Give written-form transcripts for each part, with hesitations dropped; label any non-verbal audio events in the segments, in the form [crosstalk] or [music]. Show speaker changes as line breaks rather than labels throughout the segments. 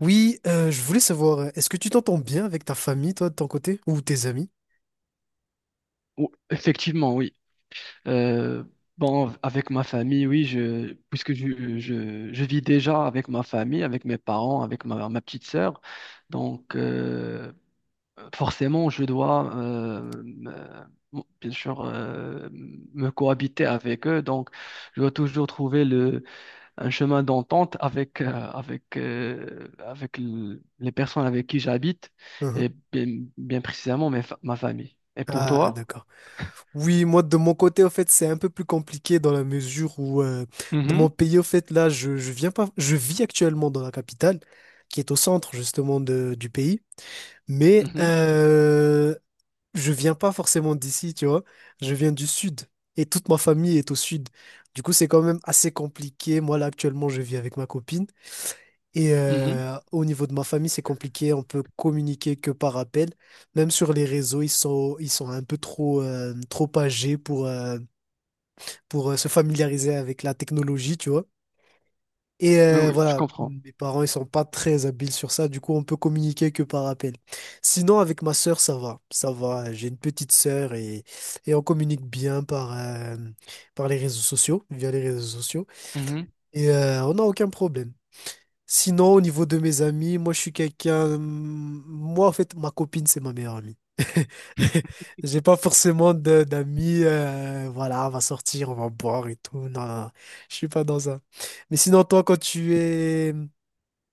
Oui, je voulais savoir, est-ce que tu t'entends bien avec ta famille, toi, de ton côté, ou tes amis?
Effectivement, oui. Euh, bon, avec ma famille, oui, puisque je vis déjà avec ma famille, avec mes parents, avec ma petite sœur. Donc, forcément, je dois, bon, bien sûr, me cohabiter avec eux. Donc, je dois toujours trouver un chemin d'entente avec les personnes avec qui j'habite
Uhum.
et bien précisément ma famille. Et pour
Ah,
toi?
d'accord. Oui, moi, de mon côté, en fait, c'est un peu plus compliqué dans la mesure où, dans mon pays, en fait, là, je viens pas, je vis actuellement dans la capitale, qui est au centre, justement, du pays. Mais,
Mhm.
je viens pas forcément d'ici, tu vois. Je viens du sud et toute ma famille est au sud. Du coup, c'est quand même assez compliqué. Moi, là, actuellement, je vis avec ma copine et
Mhm.
au niveau de ma famille, c'est compliqué. On peut communiquer que par appel. Même sur les réseaux, ils sont un peu trop, trop âgés pour, se familiariser avec la technologie, tu vois. Et
Oui, oui, je
voilà,
comprends.
mes parents, ils sont pas très habiles sur ça, du coup, on peut communiquer que par appel. Sinon, avec ma sœur, ça va, ça va. J'ai une petite sœur et on communique bien par, par les réseaux sociaux, via les réseaux sociaux.
Mhm.
Et on n'a aucun problème. Sinon, au niveau de mes amis, moi, je suis quelqu'un. Moi, en fait, ma copine, c'est ma meilleure amie. [laughs] J'ai pas forcément d'amis. Voilà, on va sortir, on va boire et tout. Non, non, non, je suis pas dans ça. Mais sinon, toi,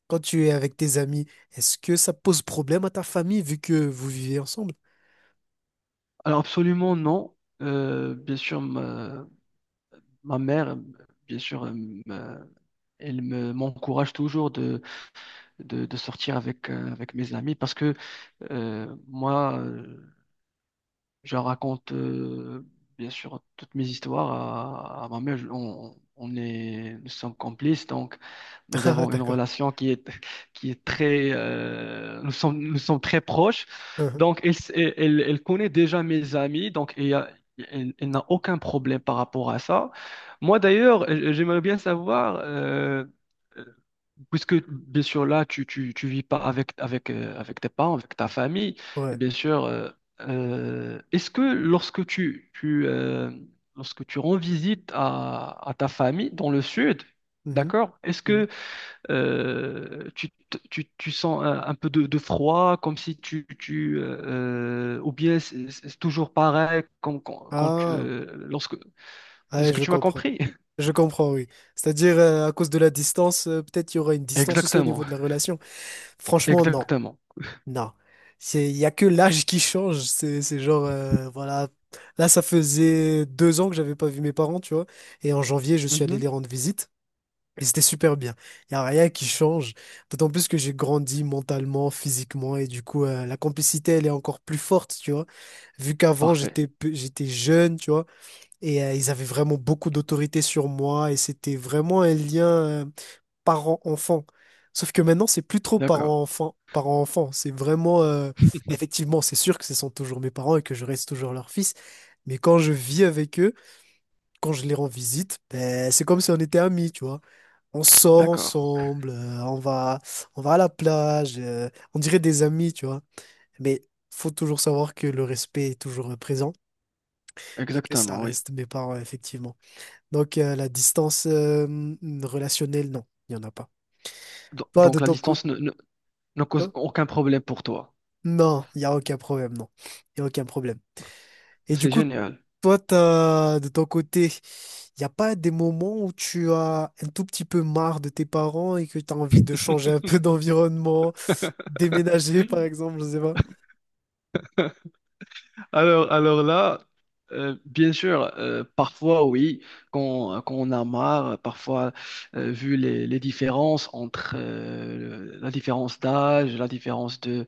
quand tu es avec tes amis, est-ce que ça pose problème à ta famille vu que vous vivez ensemble?
Alors absolument non. Bien sûr, ma mère, bien sûr, me- elle m'encourage toujours de sortir avec, avec mes amis parce que moi, je raconte bien sûr toutes mes histoires à ma mère. Nous sommes complices, donc nous
[laughs] Ah,
avons une
d'accord.
relation qui est très, nous sommes très proches.
Uhum.
Donc, elle elle connaît déjà mes amis, elle, elle n'a aucun problème par rapport à ça. Moi, d'ailleurs, j'aimerais bien savoir, euh, puisque bien sûr là, tu vis pas avec tes parents, avec ta famille, et
Ouais.
bien sûr, est-ce que lorsque tu rends visite à ta famille dans le sud,
Mhm.
d'accord, est-ce
Mhm.
que tu, tu sens un peu de froid, comme si tu, tu ou bien c'est toujours pareil
Ah,
lorsque,
ouais,
est-ce que
je
tu m'as
comprends.
compris? [laughs]
Je comprends, oui. C'est-à-dire, à cause de la distance, peut-être il y aura une distance aussi au
Exactement,
niveau de la relation. Franchement, non,
exactement.
non. C'est, il y a que l'âge qui change. C'est genre, voilà. Là, ça faisait deux ans que j'avais pas vu mes parents, tu vois. Et en janvier, je suis allé
Mhm.
les rendre visite. Et c'était super bien. Il y a rien qui change. D'autant plus que j'ai grandi mentalement, physiquement, et du coup, la complicité, elle est encore plus forte, tu vois. Vu qu'avant,
Parfait.
j'étais jeune, tu vois. Et ils avaient vraiment beaucoup d'autorité sur moi et c'était vraiment un lien parent-enfant. Sauf que maintenant, c'est plus trop
D'accord,
parent-enfant. C'est vraiment, effectivement, c'est sûr que ce sont toujours mes parents et que je reste toujours leur fils. Mais quand je vis avec eux, quand je les rends visite, ben, c'est comme si on était amis, tu vois. On sort
d'accord.
ensemble, on va à la plage, on dirait des amis, tu vois. Mais faut toujours savoir que le respect est toujours présent et que ça
Exactement, oui.
reste mes parents, effectivement. Donc, la distance relationnelle, non, il n'y en a pas. Toi, de
Donc, la
ton côté,
distance ne cause
non,
aucun problème pour toi.
non, il n'y a aucun problème, non. Il n'y a aucun problème. Et du
C'est
coup,
génial.
toi, t'as, de ton côté, il n'y a pas des moments où tu as un tout petit peu marre de tes parents et que tu as envie de changer un peu [laughs] d'environnement,
[laughs]
déménager, par exemple, je sais pas.
Alors là, bien sûr, parfois oui, quand, quand on a marre, parfois vu les différences entre la différence d'âge, la différence de,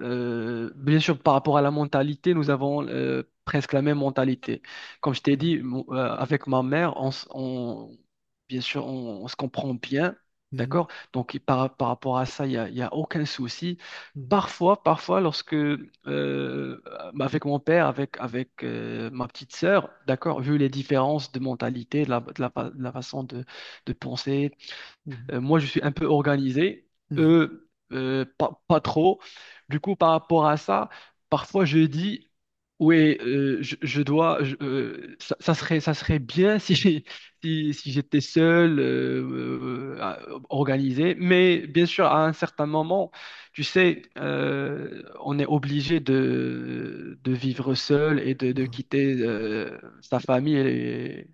bien sûr, par rapport à la mentalité, nous avons presque la même mentalité. Comme je t'ai
Mhm,
dit, avec ma mère, bien sûr, on se comprend bien,
mhm,
d'accord? Donc, par rapport à ça, il y a aucun souci.
mhm,
Parfois, parfois, lorsque, avec mon père, avec, avec ma petite sœur, d'accord, vu les différences de mentalité, de la façon de penser,
mhm,
moi, je suis un peu organisé,
mhm,
eux, pas trop. Du coup, par rapport à ça, parfois je dis, oui, je dois, ça serait bien [laughs] si, si j'étais seul, euh, à- organisé. Mais bien sûr, à un certain moment, tu sais, on est obligé de vivre seul et de
mhm.
quitter, sa famille. Et,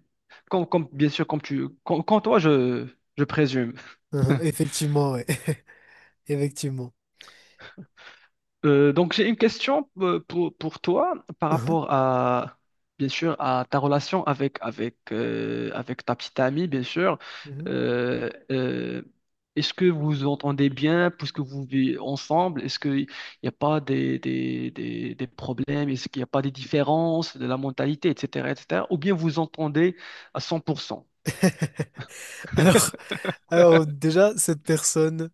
bien sûr, comme toi, je présume.
Mhm. Effectivement, ouais. [laughs] Effectivement.
Donc j'ai une question pour toi par
Mhm,
rapport à, bien sûr, à ta relation avec ta petite amie, bien sûr.
mhm.
Euh, euh, Est-ce que vous vous entendez bien puisque vous vivez ensemble? Est-ce qu'il n'y a pas des problèmes? Est-ce qu'il n'y a pas des différences de la mentalité, etc., etc. Ou bien vous vous entendez à cent pour cent.
Alors,
[laughs]
alors, déjà, cette personne.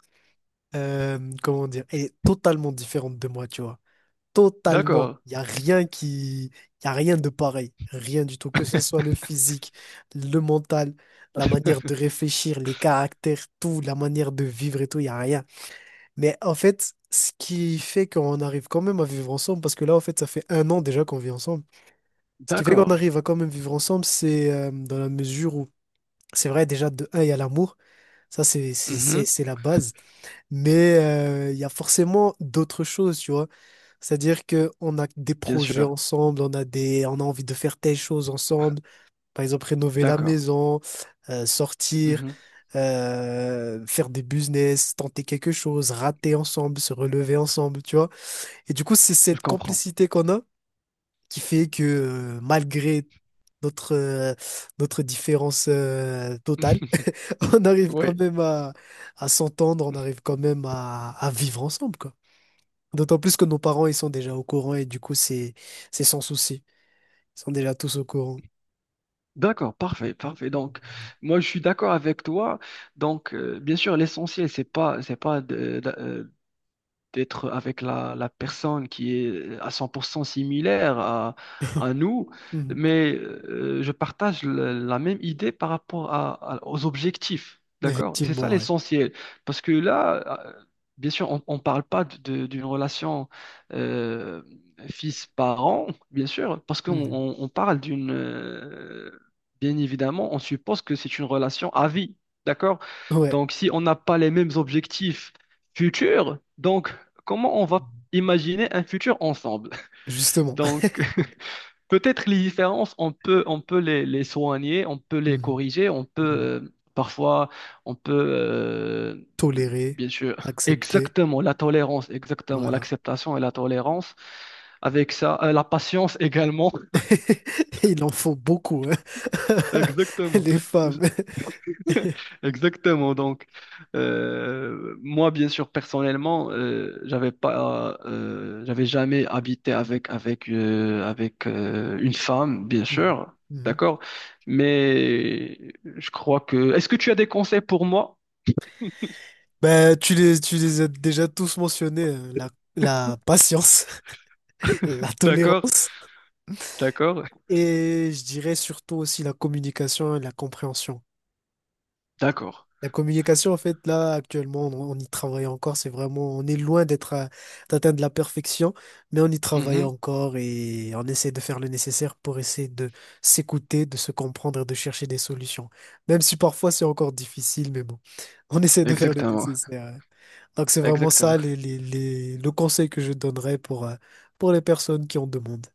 Comment dire, elle est totalement différente de moi, tu vois. Totalement.
D'accord,
Il y a rien de pareil. Rien du tout. Que ce soit le physique, le mental, la manière de réfléchir, les caractères, tout, la manière de vivre et tout, il n'y a rien. Mais en fait, ce qui fait qu'on arrive quand même à vivre ensemble, parce que là, en fait, ça fait un an déjà qu'on vit ensemble. Ce qui fait qu'on
d'accord.
arrive à quand même vivre ensemble, c'est dans la mesure où, c'est vrai, déjà, de un, il y a l'amour. Ça,
Mhm,
c'est la base. Mais il y a forcément d'autres choses, tu vois. C'est-à-dire que on a des
bien
projets
sûr,
ensemble, on a envie de faire telle chose ensemble. Par exemple, rénover la
d'accord.
maison, sortir,
Mhm,
faire des business, tenter quelque chose, rater ensemble, se relever ensemble, tu vois. Et du coup, c'est
je
cette
comprends.
complicité qu'on a qui fait que malgré notre notre différence totale,
[laughs]
[laughs] on arrive
Oui.
quand même à s'entendre, on arrive quand même à vivre ensemble, quoi. D'autant plus que nos parents, ils sont déjà au courant et du coup, c'est sans souci. Ils sont déjà tous au courant.
D'accord, parfait, parfait. Donc, moi, je suis d'accord avec toi. Donc, bien sûr, l'essentiel, c'est pas de d'être avec la personne qui est à 100% similaire à nous,
Mhm.
mais je partage la même idée par rapport aux objectifs. D'accord? C'est ça
Effectivement, ouais.
l'essentiel. Parce que là, bien sûr, on ne parle pas d'une relation euh, fils-parent, bien sûr, parce
Mhm.
on parle d'une bien évidemment, on suppose que c'est une relation à vie. D'accord?
Ouais,
Donc, si on n'a pas les mêmes objectifs futurs, donc comment on va imaginer un futur ensemble. [laughs]
justement. [laughs]
Donc, [laughs] peut-être les différences, on peut, les soigner, on peut les
Mhm.
corriger, on peut,
Mhm.
parfois, on peut,
Tolérer,
bien sûr,
accepter,
exactement, la tolérance, exactement,
voilà.
l'acceptation et la tolérance. Avec ça, la patience également. [laughs]
[laughs] Il en faut beaucoup, hein. [laughs]
Exactement.
Les femmes.
[laughs] Exactement. Donc, moi, bien sûr, personnellement, j'avais jamais habité avec une femme, bien
Mhm.
sûr,
Mhm.
d'accord. Mais je crois que. Est-ce que tu as des conseils pour moi?
Ben, tu les as déjà tous mentionnés, hein. La patience, [laughs] la
D'accord,
tolérance.
d'accord,
Et je dirais surtout aussi la communication et la compréhension.
d'accord.
La communication, en fait, là, actuellement, on y travaille encore. C'est vraiment, on est loin d'être, à- d'atteindre la perfection, mais on y travaille
Mhm.
encore et on essaie de faire le nécessaire pour essayer de s'écouter, de se comprendre et de chercher des solutions. Même si parfois c'est encore difficile, mais bon, [laughs] on essaie de faire le
Exactement,
nécessaire. Hein. Donc c'est vraiment ça
exactement.
le conseil que je donnerais pour les personnes qui en demandent.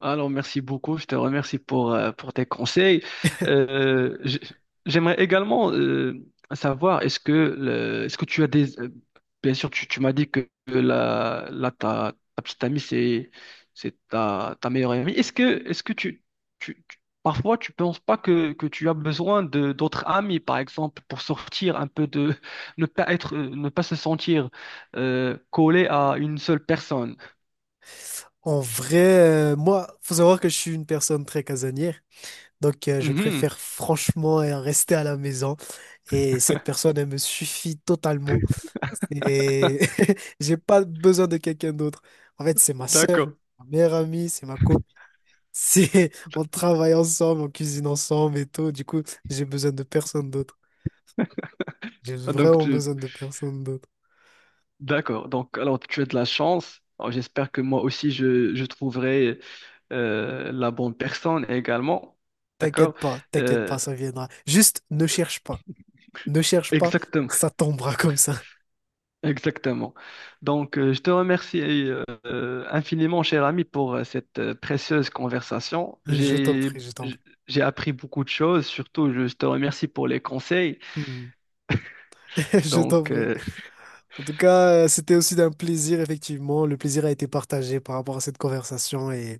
Alors, merci beaucoup. Je te remercie pour tes conseils. Euh, j- J'aimerais également savoir, est-ce que, est-ce que tu as des bien sûr, tu m'as dit que ta petite amie, c'est ta meilleure amie. Est-ce que tu, tu- parfois, tu penses pas que, que tu as besoin de d'autres amis, par exemple, pour sortir un peu de… Ne pas être, ne pas se sentir collé à une seule personne.
En vrai, moi, faut savoir que je suis une personne très casanière, donc je
Mhm,
préfère franchement rester à la maison et cette personne, elle me suffit totalement. Et [laughs] j'ai pas besoin de quelqu'un d'autre. En fait, c'est ma sœur,
d'accord.
ma meilleure amie, c'est ma copine. C'est [laughs] on travaille ensemble, on cuisine ensemble et tout. Du coup, j'ai besoin de personne d'autre. J'ai
Donc,
vraiment
tu-
besoin de personne d'autre.
D'accord. Donc, alors, tu as de la chance. Alors, j'espère que moi aussi, je trouverai la bonne personne également. D'accord?
T'inquiète
Euh,
pas, ça viendra. Juste ne cherche pas. Ne cherche pas,
Exactement.
ça tombera comme ça.
[laughs] Exactement. Donc, je te remercie infiniment, cher ami, pour cette précieuse conversation.
Je t'en prie, je t'en
J-
prie.
j'ai appris beaucoup de choses. Surtout, je te remercie pour les conseils.
Hmm. [laughs] Je t'en
Donc,
prie. En tout cas, c'était aussi d'un plaisir, effectivement. Le plaisir a été partagé par rapport à cette conversation et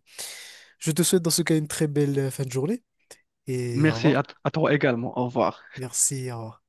je te souhaite dans ce cas une très belle fin de journée et au
merci
revoir.
à toi également. Au revoir.
Merci, au revoir.